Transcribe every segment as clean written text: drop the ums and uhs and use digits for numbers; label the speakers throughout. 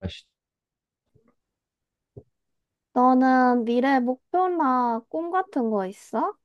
Speaker 1: 아시-
Speaker 2: 너는 미래 목표나 꿈 같은 거 있어?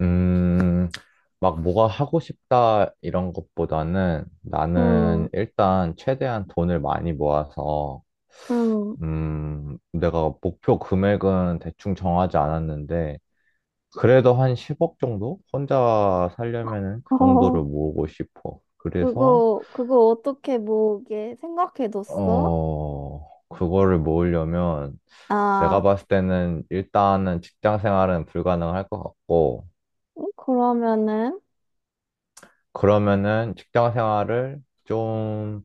Speaker 1: 음, 막 뭐가 하고 싶다 이런 것보다는
Speaker 2: 음,
Speaker 1: 나는 일단 최대한 돈을 많이 모아서,
Speaker 2: 음,
Speaker 1: 내가 목표 금액은 대충 정하지 않았는데, 그래도 한 10억 정도? 혼자 살려면은 그 정도를
Speaker 2: 어,
Speaker 1: 모으고 싶어. 그래서,
Speaker 2: 그거 어떻게 뭐게 생각해뒀어?
Speaker 1: 그거를 모으려면 내가
Speaker 2: 아,
Speaker 1: 봤을 때는 일단은 직장 생활은 불가능할 것 같고,
Speaker 2: 그러면은,
Speaker 1: 그러면은 직장 생활을 좀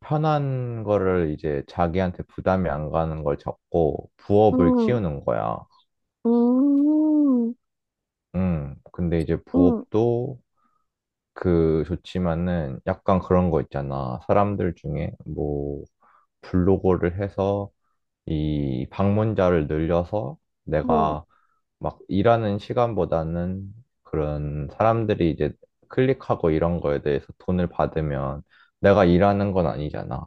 Speaker 1: 편한 거를 이제 자기한테 부담이 안 가는 걸 잡고 부업을
Speaker 2: 음,
Speaker 1: 키우는 거야.
Speaker 2: 음,
Speaker 1: 근데 이제
Speaker 2: 음,
Speaker 1: 부업도 그 좋지만은 약간 그런 거 있잖아. 사람들 중에 뭐 블로거를 해서 이 방문자를 늘려서
Speaker 2: 음,
Speaker 1: 내가 막 일하는 시간보다는 그런 사람들이 이제 클릭하고 이런 거에 대해서 돈을 받으면 내가 일하는 건 아니잖아.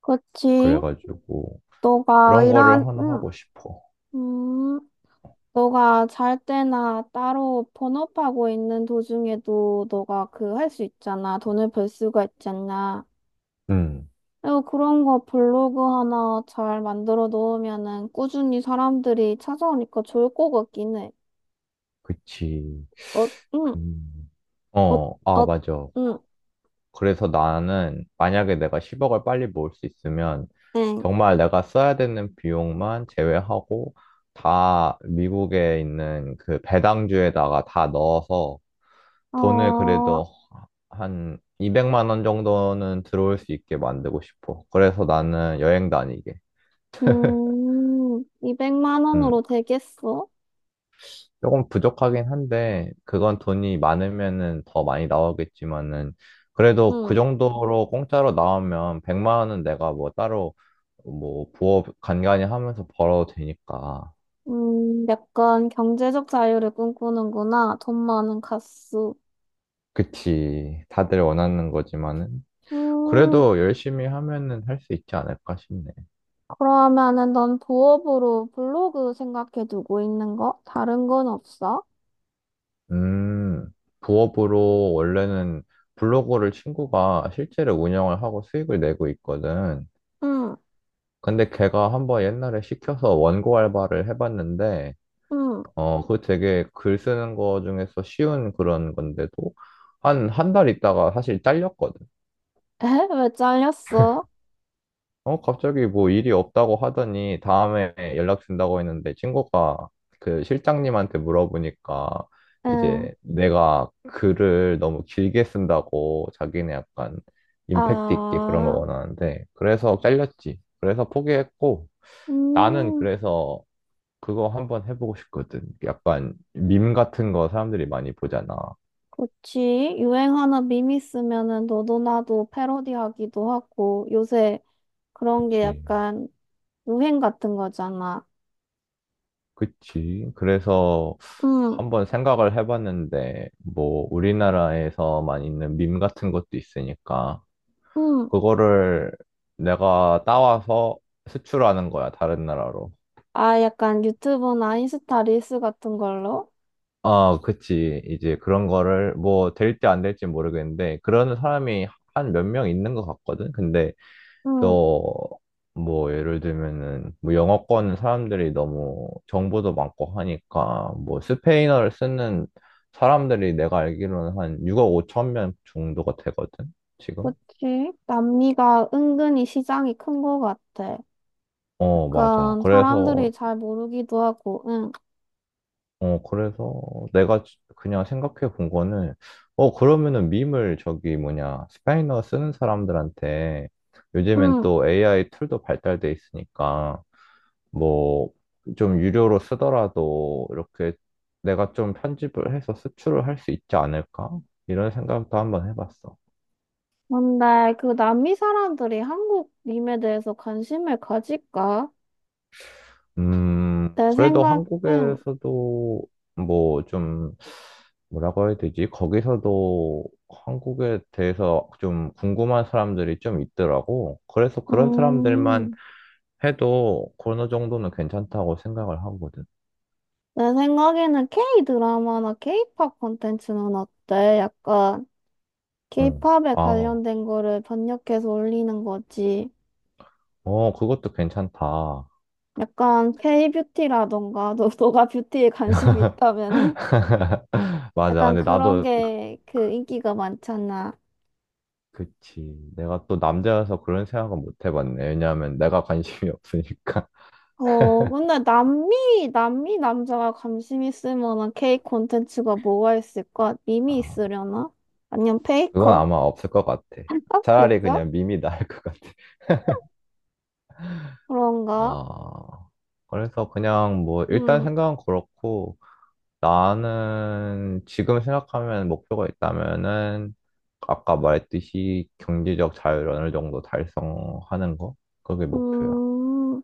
Speaker 2: 그치.
Speaker 1: 그래가지고
Speaker 2: 너가
Speaker 1: 그런
Speaker 2: 일한,
Speaker 1: 거를 하나
Speaker 2: 음,
Speaker 1: 하고 싶어.
Speaker 2: 음, 너가 잘 때나 따로 본업하고 있는 도중에도 너가 그 할 수 있잖아. 돈을 벌 수가 있잖아.
Speaker 1: 음,
Speaker 2: 어, 그런 거 블로그 하나 잘 만들어 놓으면은 꾸준히 사람들이 찾아오니까 좋을 것 같긴 해.
Speaker 1: 그치.
Speaker 2: 어, 응,
Speaker 1: 그
Speaker 2: 어,
Speaker 1: 아,
Speaker 2: 어,
Speaker 1: 맞아.
Speaker 2: 응,
Speaker 1: 그래서 나는 만약에 내가 10억을 빨리 모을 수 있으면
Speaker 2: 응.
Speaker 1: 정말 내가 써야 되는 비용만 제외하고 다 미국에 있는 그 배당주에다가 다 넣어서 돈을
Speaker 2: 어,
Speaker 1: 그래도 한 200만 원 정도는 들어올 수 있게 만들고 싶어. 그래서 나는 여행 다니게.
Speaker 2: 200만
Speaker 1: 음.
Speaker 2: 원으로 되겠어?
Speaker 1: 조금 부족하긴 한데, 그건 돈이 많으면은 더 많이 나오겠지만은, 그래도 그
Speaker 2: 응,
Speaker 1: 정도로 공짜로 나오면 100만 원은 내가 뭐 따로 뭐 부업 간간히 하면서 벌어도 되니까.
Speaker 2: 약간 경제적 자유를 꿈꾸는구나. 돈 많은 가수.
Speaker 1: 그치. 다들 원하는 거지만은.
Speaker 2: 음,
Speaker 1: 그래도 열심히 하면은 할 수 있지 않을까 싶네.
Speaker 2: 그러면은 넌 부업으로 블로그 생각해 두고 있는 거? 다른 건 없어?
Speaker 1: 음, 부업으로 원래는 블로그를 친구가 실제로 운영을 하고 수익을 내고 있거든.
Speaker 2: 응,
Speaker 1: 근데 걔가 한번 옛날에 시켜서 원고 알바를 해봤는데,
Speaker 2: 응.
Speaker 1: 어, 그거 되게 글 쓰는 거 중에서 쉬운 그런 건데도 한 달 있다가 사실 잘렸거든.
Speaker 2: 에? 왜 잘렸어?
Speaker 1: 어, 갑자기 뭐 일이 없다고 하더니 다음에 연락 준다고 했는데 친구가 그 실장님한테 물어보니까
Speaker 2: 응,
Speaker 1: 이제 내가 글을 너무 길게 쓴다고 자기는 약간 임팩트 있게 그런 걸
Speaker 2: 아,
Speaker 1: 원하는데 그래서 잘렸지. 그래서 포기했고 나는
Speaker 2: 음,
Speaker 1: 그래서 그거 한번 해보고 싶거든. 약간 밈 같은 거 사람들이 많이 보잖아.
Speaker 2: 그치. 유행하는 밈이 있으면은 너도 나도 패러디하기도 하고, 요새 그런 게
Speaker 1: 그치,
Speaker 2: 약간 유행 같은 거잖아.
Speaker 1: 그치. 그래서
Speaker 2: 응,
Speaker 1: 한번 생각을 해봤는데, 뭐, 우리나라에서만 있는 밈 같은 것도 있으니까,
Speaker 2: 응.
Speaker 1: 그거를 내가 따와서 수출하는 거야, 다른 나라로.
Speaker 2: 아, 약간 유튜브나 인스타 릴스 같은 걸로?
Speaker 1: 아, 그치. 이제 그런 거를 뭐, 될지 안 될지 모르겠는데, 그런 사람이 한 몇 명 있는 것 같거든? 근데
Speaker 2: 응,
Speaker 1: 또 뭐 예를 들면은 뭐 영어권 사람들이 너무 정보도 많고 하니까 뭐 스페인어를 쓰는 사람들이 내가 알기로는 한 6억 5천 명 정도가 되거든 지금.
Speaker 2: 그치. 남미가 은근히 시장이 큰 거 같아.
Speaker 1: 어, 맞아.
Speaker 2: 약간
Speaker 1: 그래서
Speaker 2: 사람들이 잘 모르기도 하고, 응,
Speaker 1: 어 그래서 내가 그냥 생각해 본 거는 어 그러면은 밈을 저기 뭐냐 스페인어 쓰는 사람들한테 요즘엔
Speaker 2: 응.
Speaker 1: 또 AI 툴도 발달돼 있으니까 뭐 좀 유료로 쓰더라도 이렇게 내가 좀 편집을 해서 수출을 할 수 있지 않을까? 이런 생각도 한번 해봤어.
Speaker 2: 근데 그 남미 사람들이 한국 밈에 대해서 관심을 가질까? 내
Speaker 1: 그래도
Speaker 2: 생각엔,
Speaker 1: 한국에서도 뭐 좀 뭐라고 해야 되지? 거기서도 한국에 대해서 좀 궁금한 사람들이 좀 있더라고. 그래서 그런 사람들만
Speaker 2: 음,
Speaker 1: 해도 어느 정도는 괜찮다고 생각을 하거든.
Speaker 2: 내 생각에는 K 드라마나 K 팝 콘텐츠는 어때? 약간 K
Speaker 1: 응.
Speaker 2: 팝에
Speaker 1: 아,
Speaker 2: 관련된 거를 번역해서 올리는 거지.
Speaker 1: 그것도 괜찮다.
Speaker 2: 약간 K 뷰티라던가, 너가 뷰티에 관심이 있다면은?
Speaker 1: 맞아.
Speaker 2: 약간
Speaker 1: 근데
Speaker 2: 그런
Speaker 1: 나도
Speaker 2: 게 그 인기가 많잖아.
Speaker 1: 그치. 내가 또 남자여서 그런 생각은 못 해봤네. 왜냐하면 내가 관심이 없으니까.
Speaker 2: 어, 근데 남미 남자가 관심 있을 만한 K 콘텐츠가 뭐가 있을까? 님이
Speaker 1: 아,
Speaker 2: 있으려나? 아니면
Speaker 1: 그건
Speaker 2: 페이커?
Speaker 1: 아마 없을 것 같아. 차라리
Speaker 2: 진짜?
Speaker 1: 그냥 밈이 나을 것 같아.
Speaker 2: 그런가?
Speaker 1: 아, 그래서 그냥 뭐 일단
Speaker 2: 음,
Speaker 1: 생각은 그렇고 나는 지금 생각하면 목표가 있다면은 아까 말했듯이 경제적 자유를 어느 정도 달성하는 거? 그게 목표야.
Speaker 2: 음,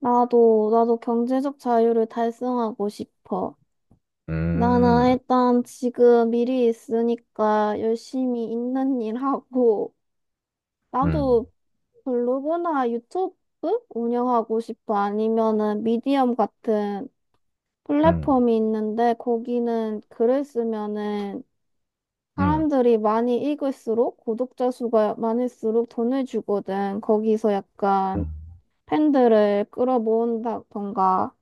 Speaker 2: 나도 경제적 자유를 달성하고 싶어. 나는
Speaker 1: 음,
Speaker 2: 일단 지금 미리 있으니까 열심히 있는 일 하고,
Speaker 1: 음,
Speaker 2: 나도 블로그나 유튜브 운영하고 싶어. 아니면은 미디엄 같은
Speaker 1: 음,
Speaker 2: 플랫폼이 있는데, 거기는 글을 쓰면은
Speaker 1: 음,
Speaker 2: 사람들이 많이 읽을수록, 구독자 수가 많을수록 돈을 주거든. 거기서 약간
Speaker 1: 음.
Speaker 2: 팬들을 끌어모은다던가.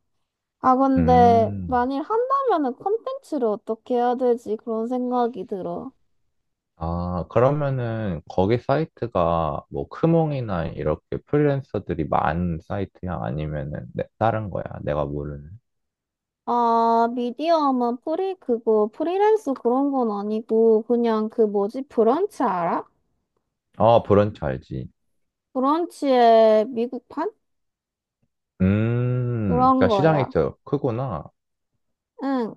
Speaker 2: 아, 근데
Speaker 1: 음,
Speaker 2: 만일 한다면은 콘텐츠를 어떻게 해야 되지? 그런 생각이 들어.
Speaker 1: 아, 그러면은 거기 사이트가 뭐 크몽이나 이렇게 프리랜서들이 많은 사이트야? 아니면은 다른 거야? 내가 모르는.
Speaker 2: 아, 프리랜서 그런 건 아니고, 그냥 그 뭐지, 브런치 알아?
Speaker 1: 어, 브런치 알지.
Speaker 2: 브런치의 미국판? 그런
Speaker 1: 그러니까 시장이
Speaker 2: 거야.
Speaker 1: 더 크구나.
Speaker 2: 응.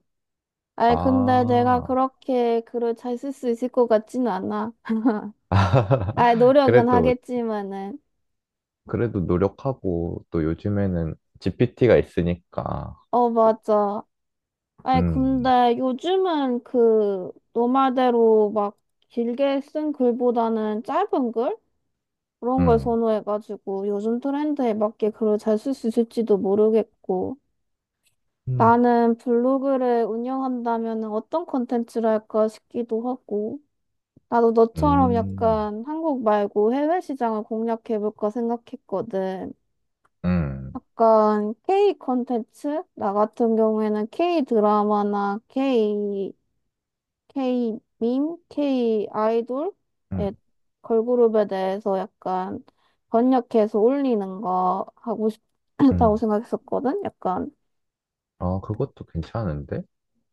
Speaker 2: 아이, 근데 내가
Speaker 1: 아,
Speaker 2: 그렇게 글을 잘 쓸 수 있을 것 같지는 않아. 아이, 노력은
Speaker 1: 그래도,
Speaker 2: 하겠지만은.
Speaker 1: 그래도 노력하고 또 요즘에는 GPT가 있으니까.
Speaker 2: 어, 맞아. 아니,
Speaker 1: 음,
Speaker 2: 근데 요즘은 그, 너 말대로 막 길게 쓴 글보다는 짧은 글? 그런 걸
Speaker 1: 음,
Speaker 2: 선호해가지고 요즘 트렌드에 맞게 글을 잘 쓸 수 있을지도 모르겠고.
Speaker 1: 음,
Speaker 2: 나는 블로그를 운영한다면 어떤 콘텐츠를 할까 싶기도 하고. 나도 너처럼
Speaker 1: 음,
Speaker 2: 약간 한국 말고 해외 시장을 공략해볼까 생각했거든.
Speaker 1: 음,
Speaker 2: 약간 K 콘텐츠? 나 같은 경우에는 K 밈, K 아이돌의
Speaker 1: 음,
Speaker 2: 걸그룹에 대해서 약간 번역해서 올리는 거 하고 싶다고
Speaker 1: 음.
Speaker 2: 생각했었거든.
Speaker 1: 아, 그것도 괜찮은데?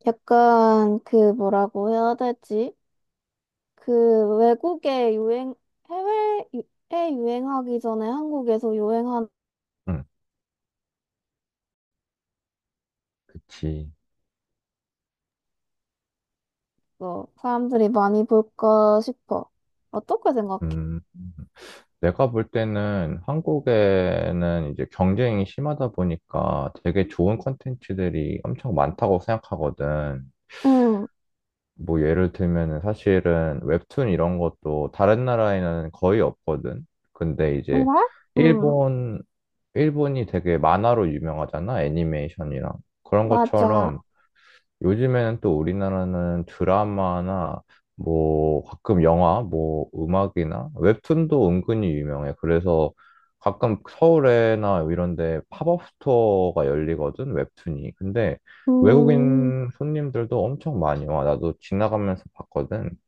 Speaker 2: 약간 그 뭐라고 해야 되지? 그 외국에 유행 해외에 유- 에 유행하기 전에 한국에서 유행하는
Speaker 1: 음 그치.
Speaker 2: 거 사람들이 많이 볼까 싶어. 어떻게 생각해?
Speaker 1: 음, 내가 볼 때는 한국에는 이제 경쟁이 심하다 보니까 되게 좋은 콘텐츠들이 엄청 많다고 생각하거든.
Speaker 2: 응,
Speaker 1: 뭐 예를 들면은 사실은 웹툰 이런 것도 다른 나라에는 거의 없거든. 근데 이제
Speaker 2: 그래? 응,
Speaker 1: 일본, 일본이 되게 만화로 유명하잖아. 애니메이션이랑. 그런
Speaker 2: 맞아.
Speaker 1: 것처럼 요즘에는 또 우리나라는 드라마나 뭐 가끔 영화, 뭐 음악이나 웹툰도 은근히 유명해. 그래서 가끔 서울에나 이런 데 팝업 스토어가 열리거든, 웹툰이. 근데
Speaker 2: 음.
Speaker 1: 외국인 손님들도 엄청 많이 와. 나도 지나가면서 봤거든.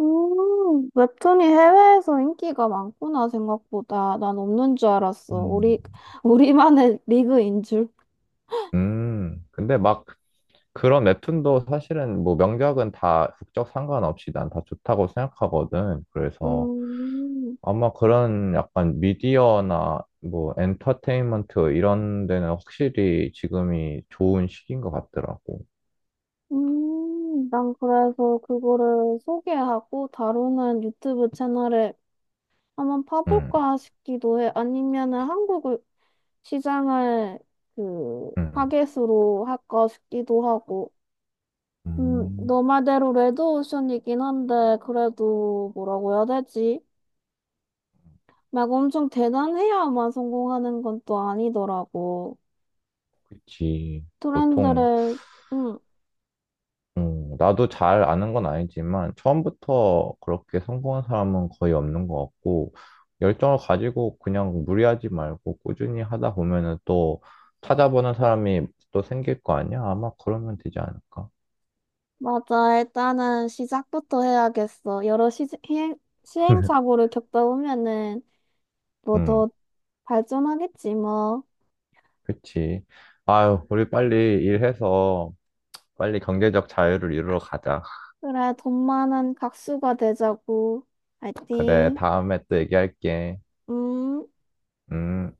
Speaker 2: 웹툰이 해외에서 인기가 많구나, 생각보다. 난 없는 줄 알았어.
Speaker 1: 음.
Speaker 2: 우리, 우리만의 리그인 줄.
Speaker 1: 근데 막 그런 웹툰도 사실은 뭐 명작은 다 국적 상관없이 난 다 좋다고 생각하거든. 그래서
Speaker 2: 음,
Speaker 1: 아마 그런 약간 미디어나 뭐 엔터테인먼트 이런 데는 확실히 지금이 좋은 시기인 것 같더라고.
Speaker 2: 난 그래서 그거를 소개하고 다루는 유튜브 채널에 한번
Speaker 1: 응,
Speaker 2: 파볼까 싶기도 해. 아니면은 한국 시장을 그,
Speaker 1: 응.
Speaker 2: 타겟으로 할까 싶기도 하고.
Speaker 1: 음,
Speaker 2: 너 말대로 레드오션이긴 한데, 그래도 뭐라고 해야 되지? 막 엄청 대단해야만 성공하는 건 또 아니더라고.
Speaker 1: 그치. 보통,
Speaker 2: 트렌드를, 응
Speaker 1: 나도 잘 아는 건 아니지만 처음부터 그렇게 성공한 사람은 거의 없는 것 같고 열정을 가지고 그냥 무리하지 말고 꾸준히 하다 보면은 또 찾아보는 사람이 또 생길 거 아니야? 아마 그러면 되지 않을까?
Speaker 2: 맞아. 일단은 시작부터 해야겠어. 여러 시행착오를 겪다 보면은 뭐
Speaker 1: 응.
Speaker 2: 더 발전하겠지, 뭐.
Speaker 1: 그치. 아유, 우리 빨리 일해서 빨리 경제적 자유를 이루러 가자.
Speaker 2: 그래, 돈 많은 각수가 되자고.
Speaker 1: 그래,
Speaker 2: 화이팅.
Speaker 1: 다음에 또 얘기할게.
Speaker 2: 음.
Speaker 1: 음.